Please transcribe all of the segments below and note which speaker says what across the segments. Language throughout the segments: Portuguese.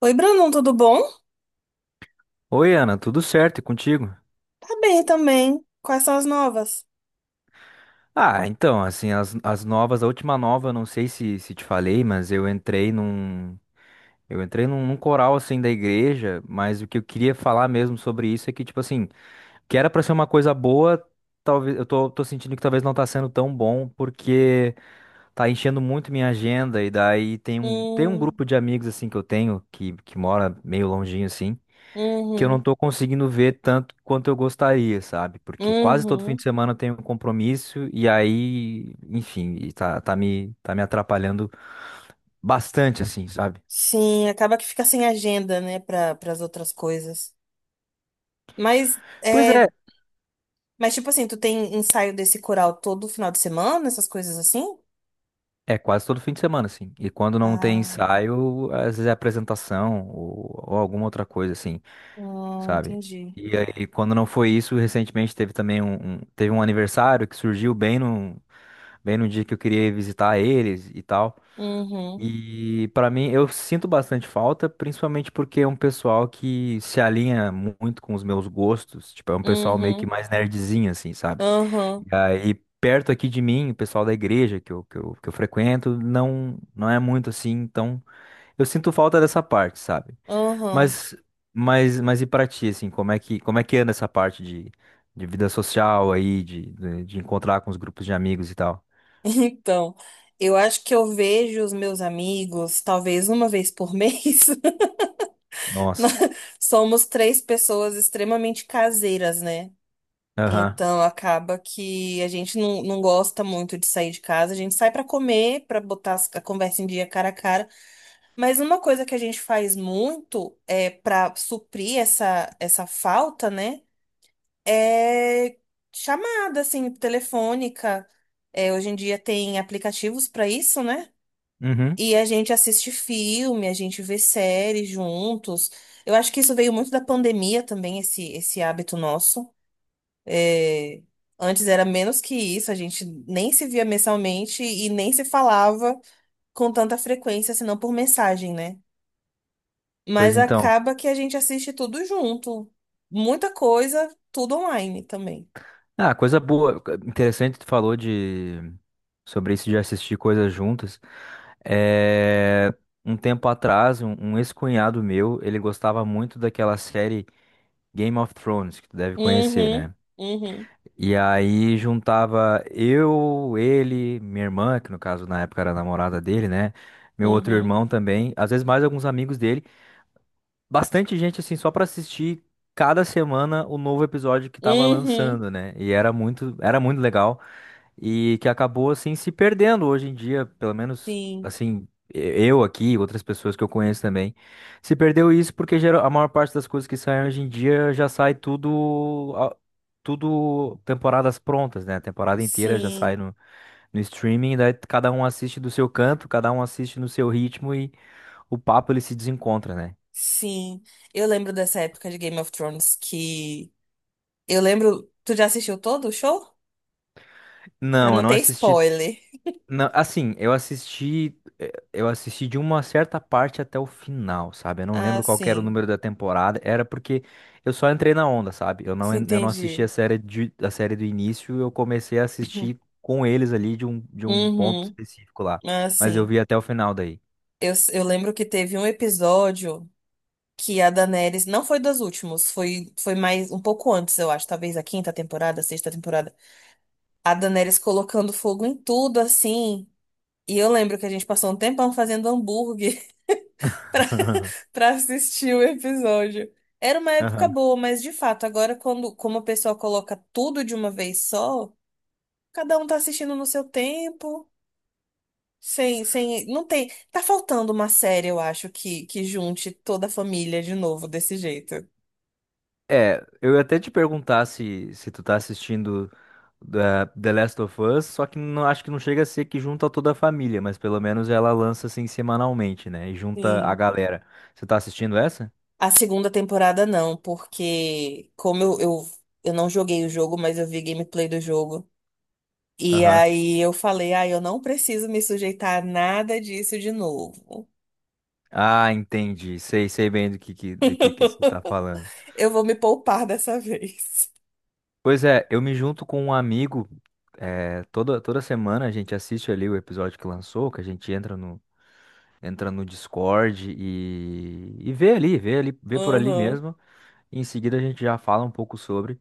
Speaker 1: Oi, Brandon, tudo bom?
Speaker 2: Oi, Ana, tudo certo e contigo?
Speaker 1: Tá bem também. Quais são as novas?
Speaker 2: Ah, então, assim, as novas, a última nova, não sei se te falei, mas eu entrei num coral, assim, da igreja, mas o que eu queria falar mesmo sobre isso é que, tipo assim, que era pra ser uma coisa boa, talvez, eu tô sentindo que talvez não tá sendo tão bom, porque tá enchendo muito minha agenda, e daí tem um
Speaker 1: Hum,
Speaker 2: grupo de amigos, assim, que eu tenho, que mora meio longinho, assim, que eu não
Speaker 1: uhum,
Speaker 2: tô conseguindo ver tanto quanto eu gostaria, sabe? Porque quase todo fim
Speaker 1: uhum.
Speaker 2: de semana eu tenho um compromisso e aí, enfim, e tá me atrapalhando bastante, assim, sabe?
Speaker 1: Sim, acaba que fica sem agenda, né, para as outras coisas. Mas,
Speaker 2: Pois
Speaker 1: é,
Speaker 2: é,
Speaker 1: mas, tipo assim, tu tem ensaio desse coral todo final de semana, essas coisas assim?
Speaker 2: é quase todo fim de semana, assim. E quando não tem
Speaker 1: Ah,
Speaker 2: ensaio, às vezes é apresentação ou alguma outra coisa, assim, sabe?
Speaker 1: entendi.
Speaker 2: E aí, quando não foi isso, recentemente teve também teve um aniversário que surgiu bem no dia que eu queria visitar eles e tal.
Speaker 1: Uhum,
Speaker 2: E pra mim, eu sinto bastante falta, principalmente porque é um pessoal que se alinha muito com os meus gostos. Tipo, é um pessoal meio que
Speaker 1: uhum,
Speaker 2: mais nerdzinho, assim, sabe?
Speaker 1: uhum,
Speaker 2: E aí, perto aqui de mim, o pessoal da igreja que eu frequento, não, não é muito assim. Então, eu sinto falta dessa parte, sabe?
Speaker 1: uhum.
Speaker 2: Mas, mas e pra ti, assim, como é que anda essa parte de vida social aí, de encontrar com os grupos de amigos e tal?
Speaker 1: Então, eu acho que eu vejo os meus amigos talvez uma vez por mês.
Speaker 2: Nossa.
Speaker 1: Somos três pessoas extremamente caseiras, né?
Speaker 2: Aham.
Speaker 1: Então acaba que a gente não gosta muito de sair de casa. A gente sai pra comer, pra botar a conversa em dia cara a cara. Mas uma coisa que a gente faz muito é para suprir essa falta, né? É chamada assim telefônica. É, hoje em dia tem aplicativos pra isso, né?
Speaker 2: Uhum.
Speaker 1: E a gente assiste filme, a gente vê séries juntos. Eu acho que isso veio muito da pandemia também, esse hábito nosso. É, antes era menos que isso, a gente nem se via mensalmente e nem se falava com tanta frequência, senão por mensagem, né?
Speaker 2: Pois
Speaker 1: Mas
Speaker 2: então.
Speaker 1: acaba que a gente assiste tudo junto. Muita coisa, tudo online também.
Speaker 2: Ah, coisa boa. Interessante, tu falou de sobre isso de assistir coisas juntas. É, Um tempo atrás, um ex-cunhado meu, ele gostava muito daquela série Game of Thrones, que tu deve conhecer,
Speaker 1: Uhum,
Speaker 2: né?
Speaker 1: uhum,
Speaker 2: E aí juntava eu, ele, minha irmã, que no caso na época era a namorada dele, né? Meu outro
Speaker 1: uhum,
Speaker 2: irmão também, às vezes mais alguns amigos dele, bastante gente assim só pra assistir cada semana o novo episódio que tava
Speaker 1: uhum, uhum.
Speaker 2: lançando, né? E era muito legal e que acabou assim se perdendo hoje em dia, pelo menos
Speaker 1: Sim,
Speaker 2: assim, e- eu aqui, outras pessoas que eu conheço também, se perdeu isso porque geral, a maior parte das coisas que saem hoje em dia já sai tudo tudo temporadas prontas, né? A temporada inteira já
Speaker 1: sim.
Speaker 2: sai no streaming, daí cada um assiste do seu canto, cada um assiste no seu ritmo e o papo ele se desencontra, né?
Speaker 1: Sim, eu lembro dessa época de Game of Thrones que. Eu lembro. Tu já assistiu todo o show? Pra
Speaker 2: Não, eu
Speaker 1: não
Speaker 2: não
Speaker 1: ter
Speaker 2: assisti.
Speaker 1: spoiler.
Speaker 2: Não, assim, eu assisti de uma certa parte até o final, sabe? Eu não lembro
Speaker 1: Ah,
Speaker 2: qual que era o
Speaker 1: sim.
Speaker 2: número da temporada, era porque eu só entrei na onda, sabe? Eu não assisti a
Speaker 1: Entendi.
Speaker 2: série de, a série do início, eu comecei a assistir com eles ali de um, ponto
Speaker 1: Uhum.
Speaker 2: específico lá,
Speaker 1: Ah,
Speaker 2: mas eu
Speaker 1: sim.
Speaker 2: vi até o final daí.
Speaker 1: Eu lembro que teve um episódio que a Daenerys. Não foi dos últimos, foi mais um pouco antes, eu acho. Talvez a quinta temporada, a sexta temporada. A Daenerys colocando fogo em tudo, assim. E eu lembro que a gente passou um tempão fazendo hambúrguer. pra assistir o episódio. Era uma época boa, mas de fato, agora quando, como o pessoal coloca tudo de uma vez só, cada um tá assistindo no seu tempo, sem, não tem, tá faltando uma série, eu acho, que junte toda a família de novo desse jeito.
Speaker 2: É, eu ia até te perguntar se tu tá assistindo The Last of Us, só que não, acho que não chega a ser que junta toda a família, mas pelo menos ela lança assim semanalmente, né? E junta a
Speaker 1: Sim.
Speaker 2: galera. Você tá assistindo essa?
Speaker 1: A segunda temporada não, porque como eu não joguei o jogo, mas eu vi gameplay do jogo. E
Speaker 2: Aham.
Speaker 1: aí eu falei, ah, eu não preciso me sujeitar a nada disso de novo.
Speaker 2: Ah, entendi. Sei bem do que que você tá falando.
Speaker 1: Eu vou me poupar dessa vez.
Speaker 2: Pois é, eu me junto com um amigo, é, toda semana a gente assiste ali o episódio que lançou, que a gente entra no, Discord e vê por ali
Speaker 1: Aham,
Speaker 2: mesmo. Em seguida a gente já fala um pouco sobre.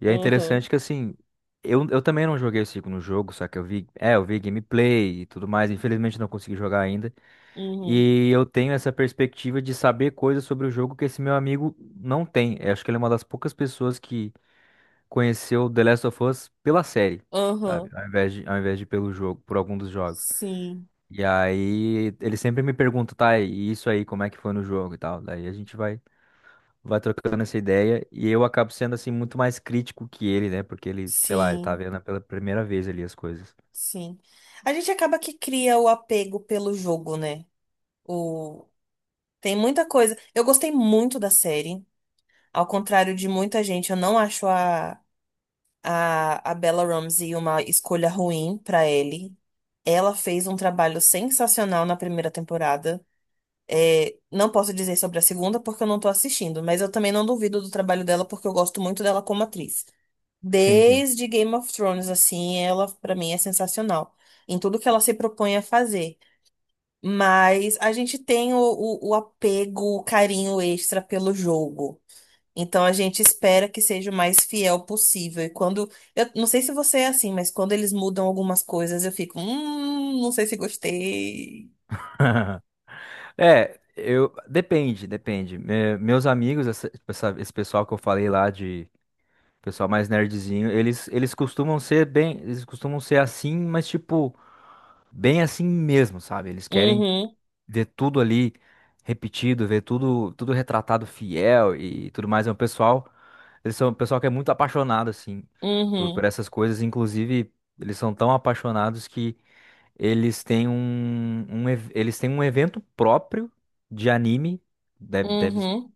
Speaker 2: E é
Speaker 1: aham,
Speaker 2: interessante que assim, eu também não joguei o segundo jogo, só que eu vi gameplay e tudo mais, infelizmente não consegui jogar ainda.
Speaker 1: uhum,
Speaker 2: E eu tenho essa perspectiva de saber coisas sobre o jogo que esse meu amigo não tem. Eu acho que ele é uma das poucas pessoas que conheceu The Last of Us pela série, sabe?
Speaker 1: aham.
Speaker 2: Ao invés de pelo jogo, por algum dos jogos.
Speaker 1: Sim,
Speaker 2: E aí ele sempre me pergunta, tá, e isso aí, como é que foi no jogo e tal. Daí a gente vai trocando essa ideia e eu acabo sendo assim muito mais crítico que ele, né? Porque ele, sei lá, ele tá
Speaker 1: sim,
Speaker 2: vendo pela primeira vez ali as coisas.
Speaker 1: sim. A gente acaba que cria o apego pelo jogo, né? O... Tem muita coisa. Eu gostei muito da série. Ao contrário de muita gente, eu não acho a Bella Ramsey uma escolha ruim pra ele. Ela fez um trabalho sensacional na primeira temporada. É, não posso dizer sobre a segunda porque eu não tô assistindo, mas eu também não duvido do trabalho dela porque eu gosto muito dela como atriz.
Speaker 2: Sim, sim.
Speaker 1: Desde Game of Thrones, assim, ela pra mim é sensacional em tudo que ela se propõe a fazer. Mas a gente tem o apego, o carinho extra pelo jogo. Então a gente espera que seja o mais fiel possível. E quando. Eu não sei se você é assim, mas quando eles mudam algumas coisas, eu fico, não sei se gostei.
Speaker 2: É, eu depende, depende. Meus amigos, esse pessoal que eu falei lá de pessoal mais nerdzinho, eles costumam ser assim, mas tipo bem assim mesmo, sabe? Eles querem
Speaker 1: Uhum,
Speaker 2: ver tudo ali repetido, ver tudo retratado fiel e tudo mais. É um pessoal, eles são um pessoal que é muito apaixonado, assim, por
Speaker 1: uhum,
Speaker 2: essas coisas. Inclusive, eles são tão apaixonados que eles têm um evento próprio de anime. Deve, deve,
Speaker 1: uhum.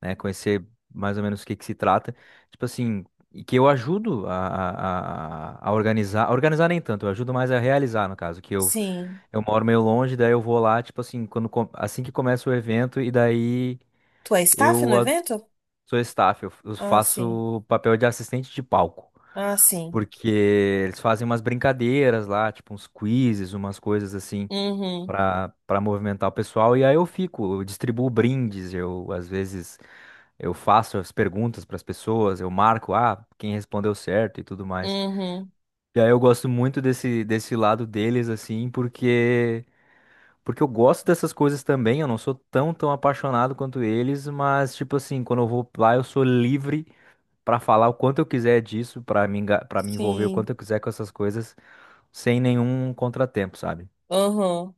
Speaker 2: né? Conhecer mais ou menos o que que se trata. Tipo assim, e que eu ajudo a organizar. A organizar nem tanto, eu ajudo mais a realizar, no caso, que eu,
Speaker 1: Sim.
Speaker 2: eu moro meio longe, daí eu vou lá, tipo assim, assim que começa o evento, e daí
Speaker 1: Tu é staff no
Speaker 2: eu a-
Speaker 1: evento?
Speaker 2: sou staff, eu
Speaker 1: Ah, sim.
Speaker 2: faço papel de assistente de palco.
Speaker 1: Ah, sim.
Speaker 2: Porque eles fazem umas brincadeiras lá, tipo uns quizzes, umas coisas assim
Speaker 1: Uhum.
Speaker 2: para movimentar o pessoal. E aí eu fico, eu distribuo brindes, eu às vezes eu faço as perguntas para as pessoas, eu marco, ah, quem respondeu certo e tudo mais.
Speaker 1: Uhum.
Speaker 2: E aí eu gosto muito desse lado deles assim, porque eu gosto dessas coisas também, eu não sou tão apaixonado quanto eles, mas tipo assim, quando eu vou lá eu sou livre para falar o quanto eu quiser disso, para me envolver o quanto
Speaker 1: Sim.
Speaker 2: eu quiser com essas coisas, sem nenhum contratempo, sabe?
Speaker 1: Uhum.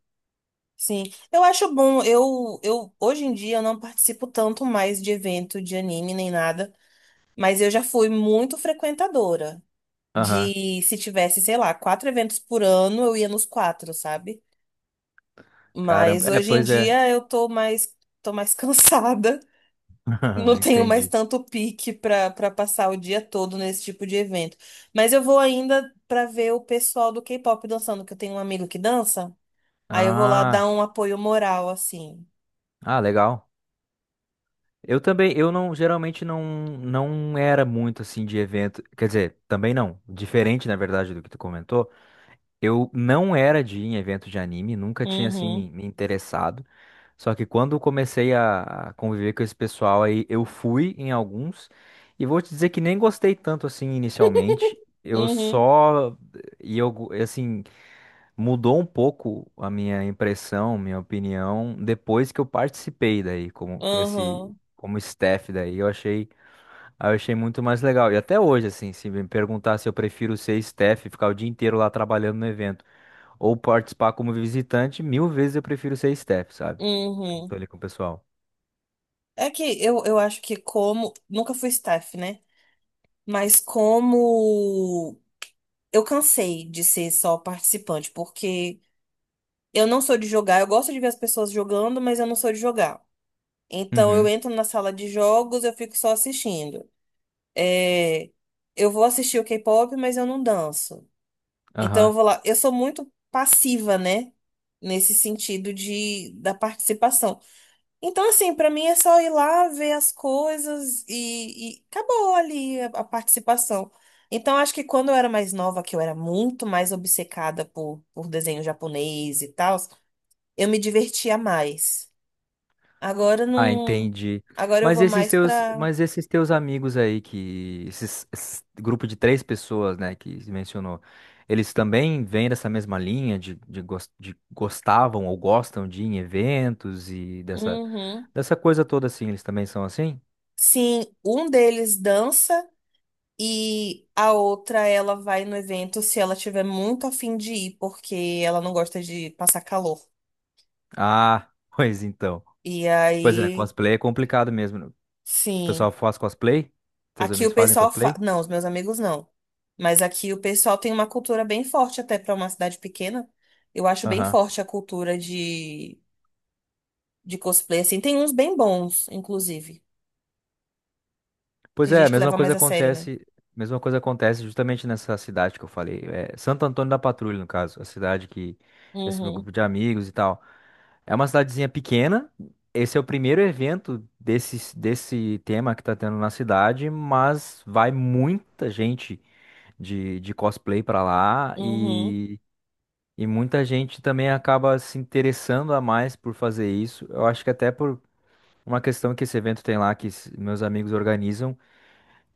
Speaker 1: Sim. Eu acho bom. Eu hoje em dia eu não participo tanto mais de evento de anime nem nada, mas eu já fui muito frequentadora.
Speaker 2: Aham.
Speaker 1: De se tivesse, sei lá, quatro eventos por ano, eu ia nos quatro, sabe? Mas
Speaker 2: Caramba. É,
Speaker 1: hoje em
Speaker 2: pois é.
Speaker 1: dia eu tô mais cansada. Não tenho mais
Speaker 2: Entendi.
Speaker 1: tanto pique para passar o dia todo nesse tipo de evento. Mas eu vou ainda para ver o pessoal do K-pop dançando, que eu tenho um amigo que dança. Aí eu vou lá
Speaker 2: Ah,
Speaker 1: dar um apoio moral, assim.
Speaker 2: ah, legal. Eu também, eu não, geralmente não era muito assim de evento, quer dizer, também não, diferente na verdade do que tu comentou, eu não era de ir em evento de anime, nunca tinha assim
Speaker 1: Uhum,
Speaker 2: me interessado, só que quando eu comecei a conviver com esse pessoal aí, eu fui em alguns, e vou te dizer que nem gostei tanto assim inicialmente, eu
Speaker 1: uhum,
Speaker 2: só, e eu, go- assim, mudou um pouco a minha impressão, minha opinião, depois que eu participei daí, como nesse,
Speaker 1: uhum,
Speaker 2: como staff daí, eu achei muito mais legal. E até hoje, assim, se me perguntar se eu prefiro ser staff, e ficar o dia inteiro lá trabalhando no evento, ou participar como visitante, mil vezes eu prefiro ser staff, sabe? Junto
Speaker 1: uhum.
Speaker 2: ali com o pessoal.
Speaker 1: É que eu acho que como. Nunca fui staff, né? Mas como eu cansei de ser só participante, porque eu não sou de jogar. Eu gosto de ver as pessoas jogando, mas eu não sou de jogar. Então eu
Speaker 2: Uhum.
Speaker 1: entro na sala de jogos, eu fico só assistindo. É, eu vou assistir o K-pop, mas eu não danço. Então eu
Speaker 2: Aham.
Speaker 1: vou lá, eu sou muito passiva, né? Nesse sentido de da participação. Então assim, pra mim é só ir lá ver as coisas e acabou ali a participação. Então acho que quando eu era mais nova, que eu era muito mais obcecada por desenho japonês e tal, eu me divertia mais. Agora
Speaker 2: Ah,
Speaker 1: não.
Speaker 2: entendi.
Speaker 1: Agora eu vou mais pra.
Speaker 2: Mas esses teus amigos aí esse grupo de três pessoas, né, que se mencionou, eles também vêm dessa mesma linha de gostavam ou gostam de ir em eventos e dessa
Speaker 1: Uhum.
Speaker 2: dessa coisa toda assim, eles também são assim?
Speaker 1: Sim, um deles dança e a outra ela vai no evento se ela tiver muito a fim de ir, porque ela não gosta de passar calor.
Speaker 2: Ah, pois então.
Speaker 1: E
Speaker 2: Pois é,
Speaker 1: aí,
Speaker 2: cosplay é complicado mesmo, né? O
Speaker 1: sim,
Speaker 2: pessoal faz cosplay? Teus
Speaker 1: aqui
Speaker 2: amigos
Speaker 1: o
Speaker 2: fazem
Speaker 1: pessoal
Speaker 2: cosplay?
Speaker 1: não, os meus amigos não. Mas aqui o pessoal tem uma cultura bem forte até pra uma cidade pequena. Eu acho bem forte a cultura de cosplay assim. Tem uns bem bons, inclusive.
Speaker 2: Pois
Speaker 1: Tem
Speaker 2: é, a
Speaker 1: gente que
Speaker 2: mesma
Speaker 1: leva mais
Speaker 2: coisa
Speaker 1: a sério, né?
Speaker 2: acontece, mesma coisa acontece justamente nessa cidade que eu falei, é Santo Antônio da Patrulha, no caso, a cidade que esse meu
Speaker 1: Uhum,
Speaker 2: grupo de amigos e tal. É uma cidadezinha pequena. Esse é o primeiro evento desse tema que tá tendo na cidade, mas vai muita gente de cosplay pra lá
Speaker 1: uhum,
Speaker 2: e muita gente também acaba se interessando a mais por fazer isso. Eu acho que até por uma questão que esse evento tem lá, que meus amigos organizam.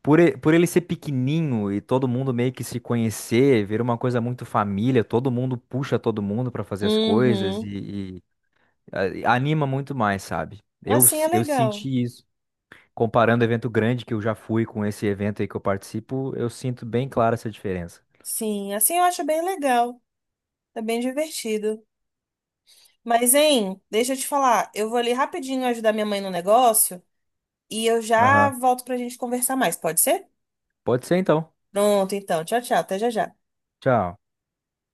Speaker 2: Por ele ser pequenininho e todo mundo meio que se conhecer, vira uma coisa muito família, todo mundo puxa todo mundo pra fazer as coisas
Speaker 1: uhum.
Speaker 2: e anima muito mais, sabe? Eu,
Speaker 1: Assim é
Speaker 2: s- eu
Speaker 1: legal.
Speaker 2: senti isso. Comparando evento grande que eu já fui com esse evento aí que eu participo, eu sinto bem clara essa diferença.
Speaker 1: Sim, assim eu acho bem legal. É bem divertido. Mas, hein, deixa eu te falar. Eu vou ali rapidinho ajudar minha mãe no negócio e eu já
Speaker 2: Aham.
Speaker 1: volto pra gente conversar mais, pode ser?
Speaker 2: Pode ser então.
Speaker 1: Pronto, então. Tchau, tchau. Até já já.
Speaker 2: Tchau.